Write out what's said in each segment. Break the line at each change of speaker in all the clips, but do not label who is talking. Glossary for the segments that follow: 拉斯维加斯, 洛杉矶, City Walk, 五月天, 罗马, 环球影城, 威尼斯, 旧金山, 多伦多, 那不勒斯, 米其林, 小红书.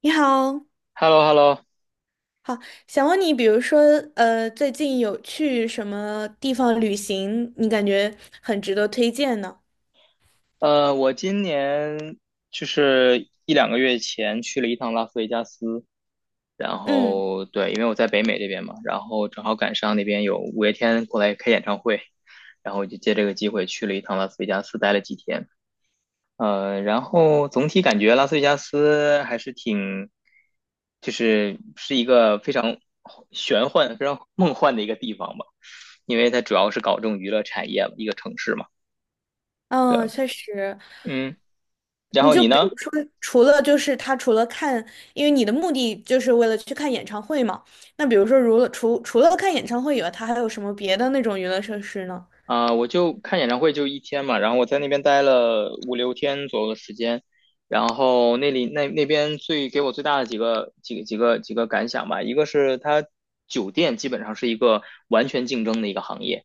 你好，
h e l l o h e l l o
好，想问你，比如说，最近有去什么地方旅行，你感觉很值得推荐呢？
我今年就是一两个月前去了一趟拉斯维加斯，然
嗯
后对，因为我在北美这边嘛，然后正好赶上那边有五月天过来开演唱会，然后我就借这个机会去了一趟拉斯维加斯，待了几天。然后总体感觉拉斯维加斯还是挺，就是一个非常玄幻、非常梦幻的一个地方吧，因为它主要是搞这种娱乐产业，一个城市嘛。
嗯，
对。
确实，
嗯。然
你
后
就
你
比
呢？
如说，除了就是他除了看，因为你的目的就是为了去看演唱会嘛，那比如说，如了除除了看演唱会以外，他还有什么别的那种娱乐设施呢？
啊、我就看演唱会就一天嘛，然后我在那边待了五六天左右的时间，然后那里那那边最给我最大的几个感想吧，一个是它酒店基本上是一个完全竞争的一个行业，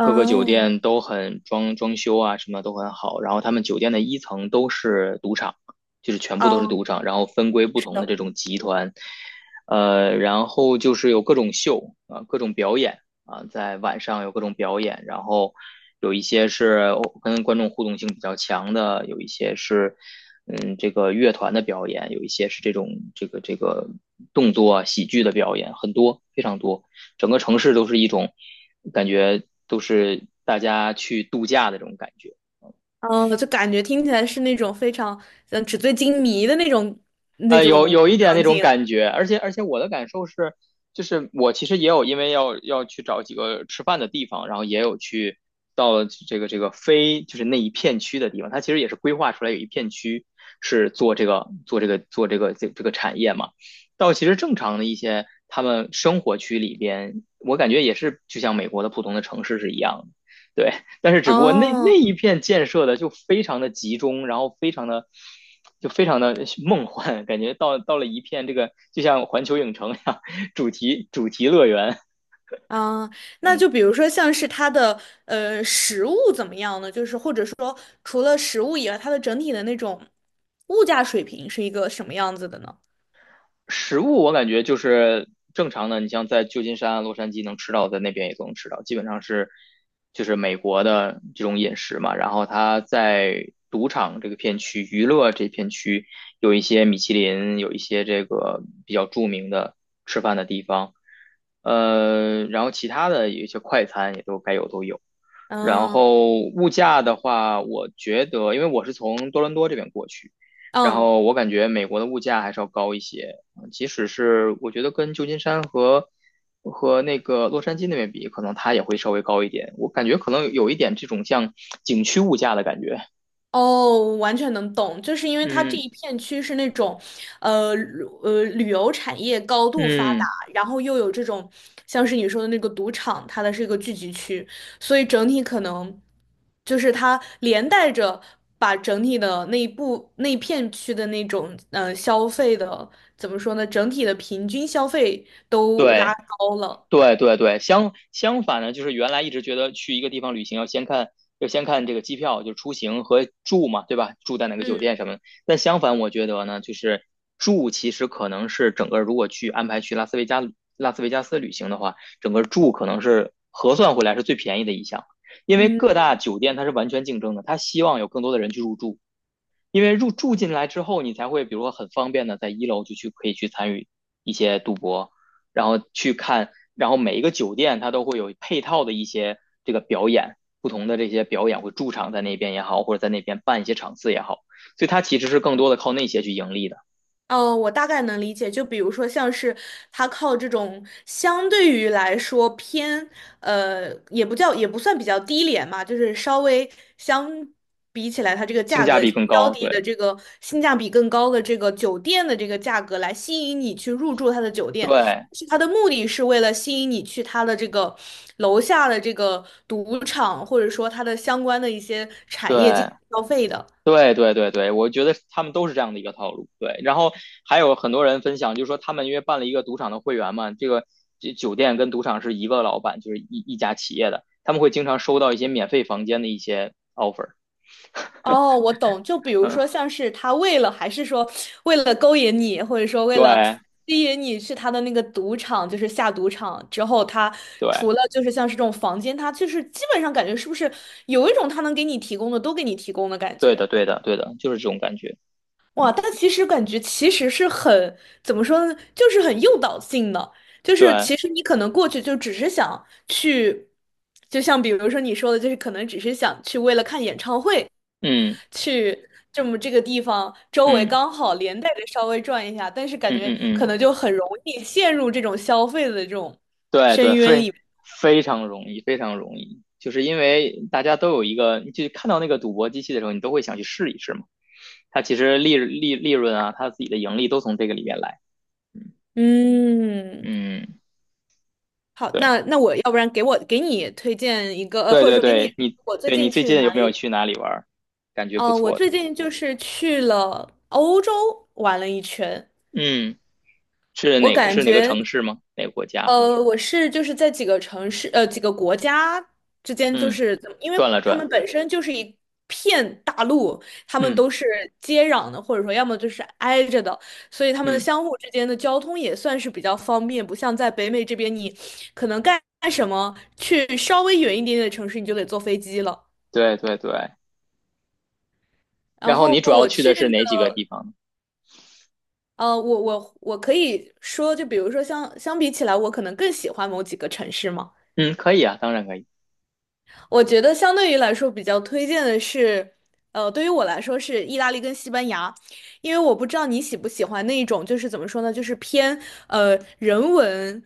各个酒店都很装修啊什么都很好，然后他们酒店的一层都是赌场，就是全部都是
哦，
赌场，然后分归不
是
同的
的，
这种集团。然后就是有各种秀啊、各种表演。啊、在晚上有各种表演，然后有一些是跟观众互动性比较强的，有一些是这个乐团的表演，有一些是这种这个动作啊喜剧的表演，很多非常多，整个城市都是一种感觉，都是大家去度假的这种感觉。
嗯，就感觉听起来是那种非常纸醉金迷的那种
有有一点那
场
种
景。
感觉，而且我的感受是，就是我其实也有因为要去找几个吃饭的地方，然后也有去到了这个这个非就是那一片区的地方，它其实也是规划出来有一片区是做这个做这个做这个这这个产业嘛。到其实正常的一些他们生活区里边，我感觉也是就像美国的普通的城市是一样的。对。但是只不过那
哦，
那一片建设的就非常的集中，然后非常的梦幻，感觉到了一片这个就像环球影城一样主题乐园。
啊，那
嗯。
就比如说像是它的食物怎么样呢？就是或者说除了食物以外，它的整体的那种物价水平是一个什么样子的呢？
食物我感觉就是正常的，你像在旧金山、洛杉矶能吃到，在那边也都能吃到，基本上就是美国的这种饮食嘛。然后它在赌场这个片区、娱乐这片区有一些米其林，有一些这个比较著名的吃饭的地方。然后其他的有一些快餐也都该有都有。然
嗯
后物价的话，我觉得因为我是从多伦多这边过去。然
嗯。
后我感觉美国的物价还是要高一些，即使是我觉得跟旧金山和那个洛杉矶那边比，可能它也会稍微高一点。我感觉可能有一点这种像景区物价的感觉。
哦，完全能懂，就是因为它这
嗯
一片区是那种，旅游产业高度发达，
嗯。
然后又有这种像是你说的那个赌场，它的是一个聚集区，所以整体可能就是它连带着把整体的那一片区的那种消费的怎么说呢，整体的平均消费都拉
对。
高了。
对对对，相反呢，就是原来一直觉得去一个地方旅行要先看这个机票，就出行和住嘛，对吧？住在哪个酒店
嗯
什么的。但相反，我觉得呢，就是住其实可能是整个如果去安排去拉斯维加斯旅行的话，整个住可能是核算回来是最便宜的一项，因为各
嗯。
大酒店它是完全竞争的，它希望有更多的人去入住。因为入住进来之后，你才会比如说很方便的在一楼就去可以去参与一些赌博，然后去看，然后每一个酒店它都会有配套的一些这个表演，不同的这些表演会驻场在那边也好，或者在那边办一些场次也好，所以它其实是更多的靠那些去盈利的，
哦，我大概能理解。就比如说，像是他靠这种相对于来说偏，也不算比较低廉嘛，就是稍微相比起来，它这个
性
价
价
格
比更
较
高。
低的
对
这个性价比更高的这个酒店的这个价格来吸引你去入住他的酒店，
对
是他的目的是为了吸引你去他的这个楼下的这个赌场，或者说它的相关的一些产业进行
对
消费的。
对对对对，我觉得他们都是这样的一个套路。对。然后还有很多人分享，就是说他们因为办了一个赌场的会员嘛，这酒店跟赌场是一个老板，就是一家企业的，他们会经常收到一些免费房间的一些 offer。
哦，我懂。就比如
嗯。
说，像是他为了，还是说为了勾引你，或者说为了
对
吸引你去他的那个赌场，就是下赌场之后，他除
对
了就是像是这种房间，他就是基本上感觉是不是有一种他能给你提供的都给你提供的感
对
觉。
的对的对的，就是这种感觉。
哇，
嗯。
但其实感觉其实是很，怎么说呢，就是很诱导性的，就是
对。
其实你可能过去就只是想去，就像比如说你说的，就是可能只是想去为了看演唱会，
嗯
去这么这个地方周围
嗯
刚好连带着稍微转一下，但是感
嗯
觉
嗯
可
嗯。
能就很容易陷入这种消费的这种
对对，
深渊
非
里面。
非常容易，非常容易，就是因为大家都有一个，你就看到那个赌博机器的时候，你都会想去试一试嘛。它其实利润啊，它自己的盈利都从这个里面来。
嗯，
嗯。
好，
对
那我要不然给你推荐一个，
对
或者
对
说给你
对，你
我最
对你
近
最
去
近有
哪
没有
里
去哪里玩儿？感觉不
我
错的。
最近就是去了欧洲玩了一圈，
嗯，是
我
哪个
感
是哪个
觉，
城市吗？哪个国家？
就是在几个城市，几个国家之间，就
嗯，
是怎么因为
转了
他们
转。
本身就是一片大陆，他们
嗯
都是接壤的，或者说要么就是挨着的，所以他们
嗯。
相互之间的交通也算是比较方便，不像在北美这边，你可能干什么，去稍微远一点点的城市，你就得坐飞机了。
对对对。
然
然后
后
你主要
我
去
去
的
的
是哪几个地方呢？
呃，我可以说，就比如说相比起来，我可能更喜欢某几个城市嘛。
嗯，可以啊，当然可以。
我觉得相对于来说，比较推荐的是，对于我来说是意大利跟西班牙，因为我不知道你喜不喜欢那一种，就是怎么说呢，就是偏人文，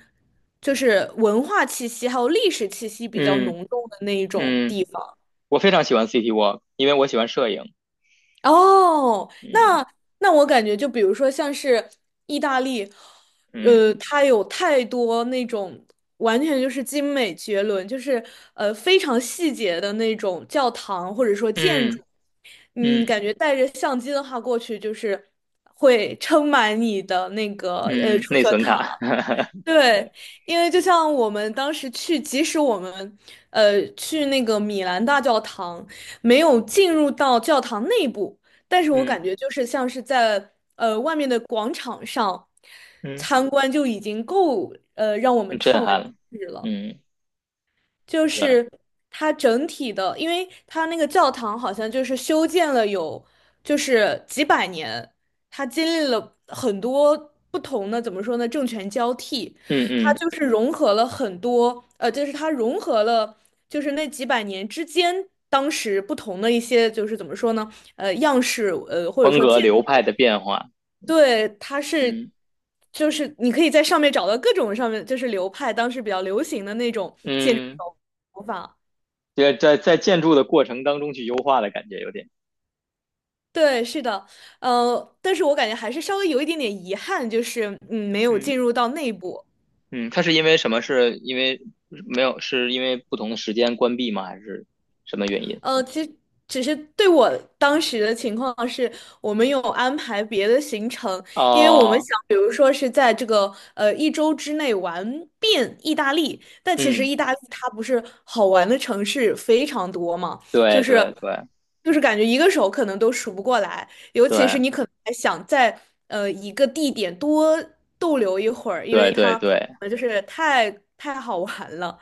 就是文化气息还有历史气息比较
嗯
浓重的那一种
嗯。
地方。
我非常喜欢 City Walk，因为我喜欢摄影。
哦，
嗯
那我感觉就比如说像是意大利，
嗯
它有太多那种完全就是精美绝伦，就是非常细节的那种教堂或者说建
嗯
筑，
嗯
感觉带着相机的话过去就是会撑满你的那个
嗯，
储
内
存
存卡。
卡。对，
对。
因为就像我们当时去，即使我们去那个米兰大教堂，没有进入到教堂内部，但是我感
嗯
觉就是像是在外面的广场上
嗯。
参观就已经够让我们
很震
叹为
撼
观
了。
止了。
嗯。
就
对。
是它整体的，因为它那个教堂好像就是修建了有就是几百年，它经历了很多不同的，怎么说呢，政权交替，
嗯
它
嗯。
就是融合了很多，就是它融合了就是那几百年之间。当时不同的一些就是怎么说呢？样式，或者
风
说
格
建，
流派的变化。
对，它是，
嗯
就是你可以在上面找到各种上面就是流派当时比较流行的那种建筑
嗯，
手法。
在建筑的过程当中去优化的感觉有点。
对，是的，但是我感觉还是稍微有一点点遗憾，就是没有
嗯
进入到内部。
嗯。它是因为什么？是因为没有？是因为不同的时间关闭吗？还是什么原因？
其实只是对我当时的情况是，我们有安排别的行程，因为我们
哦。
想，比如说是在这个一周之内玩遍意大利，但其实
嗯。
意大利它不是好玩的城市非常多嘛，就
对
是
对对
就是感觉一个手可能都数不过来，尤其是
对
你可能还想在一个地点多逗留一会儿，因为
对对
它
对。
就是太好玩了。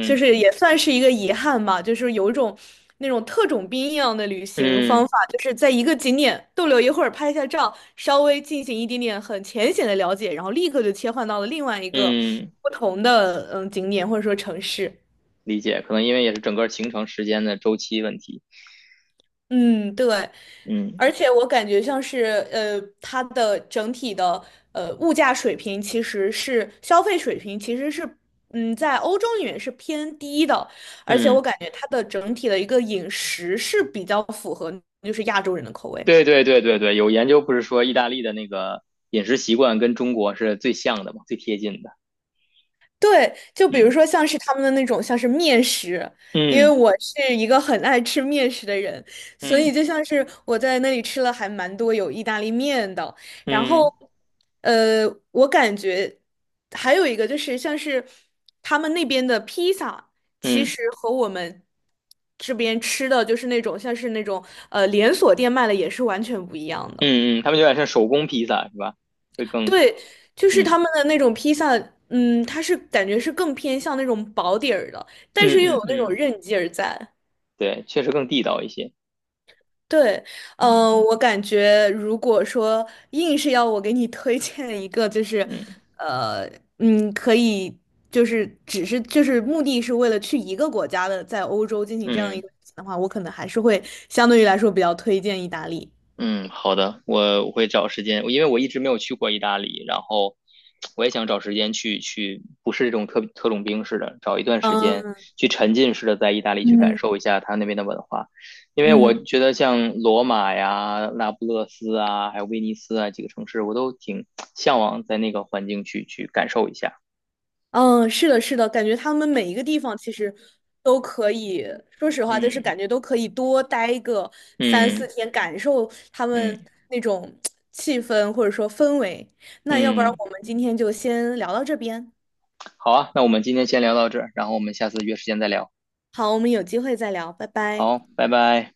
就是也算是一个遗憾吧，就是有一种那种特种兵一样的旅行方
嗯。
法，就是在一个景点逗留一会儿，拍一下照，稍微进行一点点很浅显的了解，然后立刻就切换到了另外一个
嗯，
不同的景点或者说城市。
理解，可能因为也是整个行程时间的周期问题。
嗯，对，
嗯
而且我感觉像是它的整体的物价水平其实是消费水平其实是在欧洲里面是偏低的，而且我
嗯，
感觉它的整体的一个饮食是比较符合就是亚洲人的口味。
对对对对对，有研究不是说意大利的那个饮食习惯跟中国是最像的嘛，最贴近的。
对，就比如
嗯
说像是他们的那种像是面食，因为
嗯
我是一个很爱吃面食的人，所以
嗯
就像是我在那里吃了还蛮多有意大利面的，然
嗯
后，我感觉还有一个就是像是他们那边的披萨，其
嗯嗯
实和我们这边吃的就是那种像是那种连锁店卖的也是完全不一样的。
嗯，他们有点像手工披萨是吧？会更。
对，就是
嗯
他们的那种披萨，它是感觉是更偏向那种薄底儿的，但
嗯
是又有
嗯
那种
嗯。
韧劲儿在。
对，确实更地道一些。
对，
嗯
我感觉如果说硬是要我给你推荐一个，就是，
嗯
呃，可以，就是只是就是目的是为了去一个国家的，在欧洲进行这样一
嗯。
个旅行的话，我可能还是会相对于来说比较推荐意大利。
嗯，好的，我会找时间，因为我一直没有去过意大利，然后我也想找时间去去，不是这种特种兵式的，找一段时间
嗯
去沉浸式的在意大利去感
嗯
受一下他那边的文化，因为我
嗯。
觉得像罗马呀、那不勒斯啊，还有威尼斯啊几个城市，我都挺向往在那个环境去去感受一下。
嗯，是的，是的，感觉他们每一个地方其实都可以，说实话，就是感
嗯
觉都可以多待个三四
嗯
天，感受他
嗯
们那种气氛或者说氛围。那要不然
嗯，
我们今天就先聊到这边，
好啊，那我们今天先聊到这儿，然后我们下次约时间再聊。
好，我们有机会再聊，拜拜。
好，拜拜。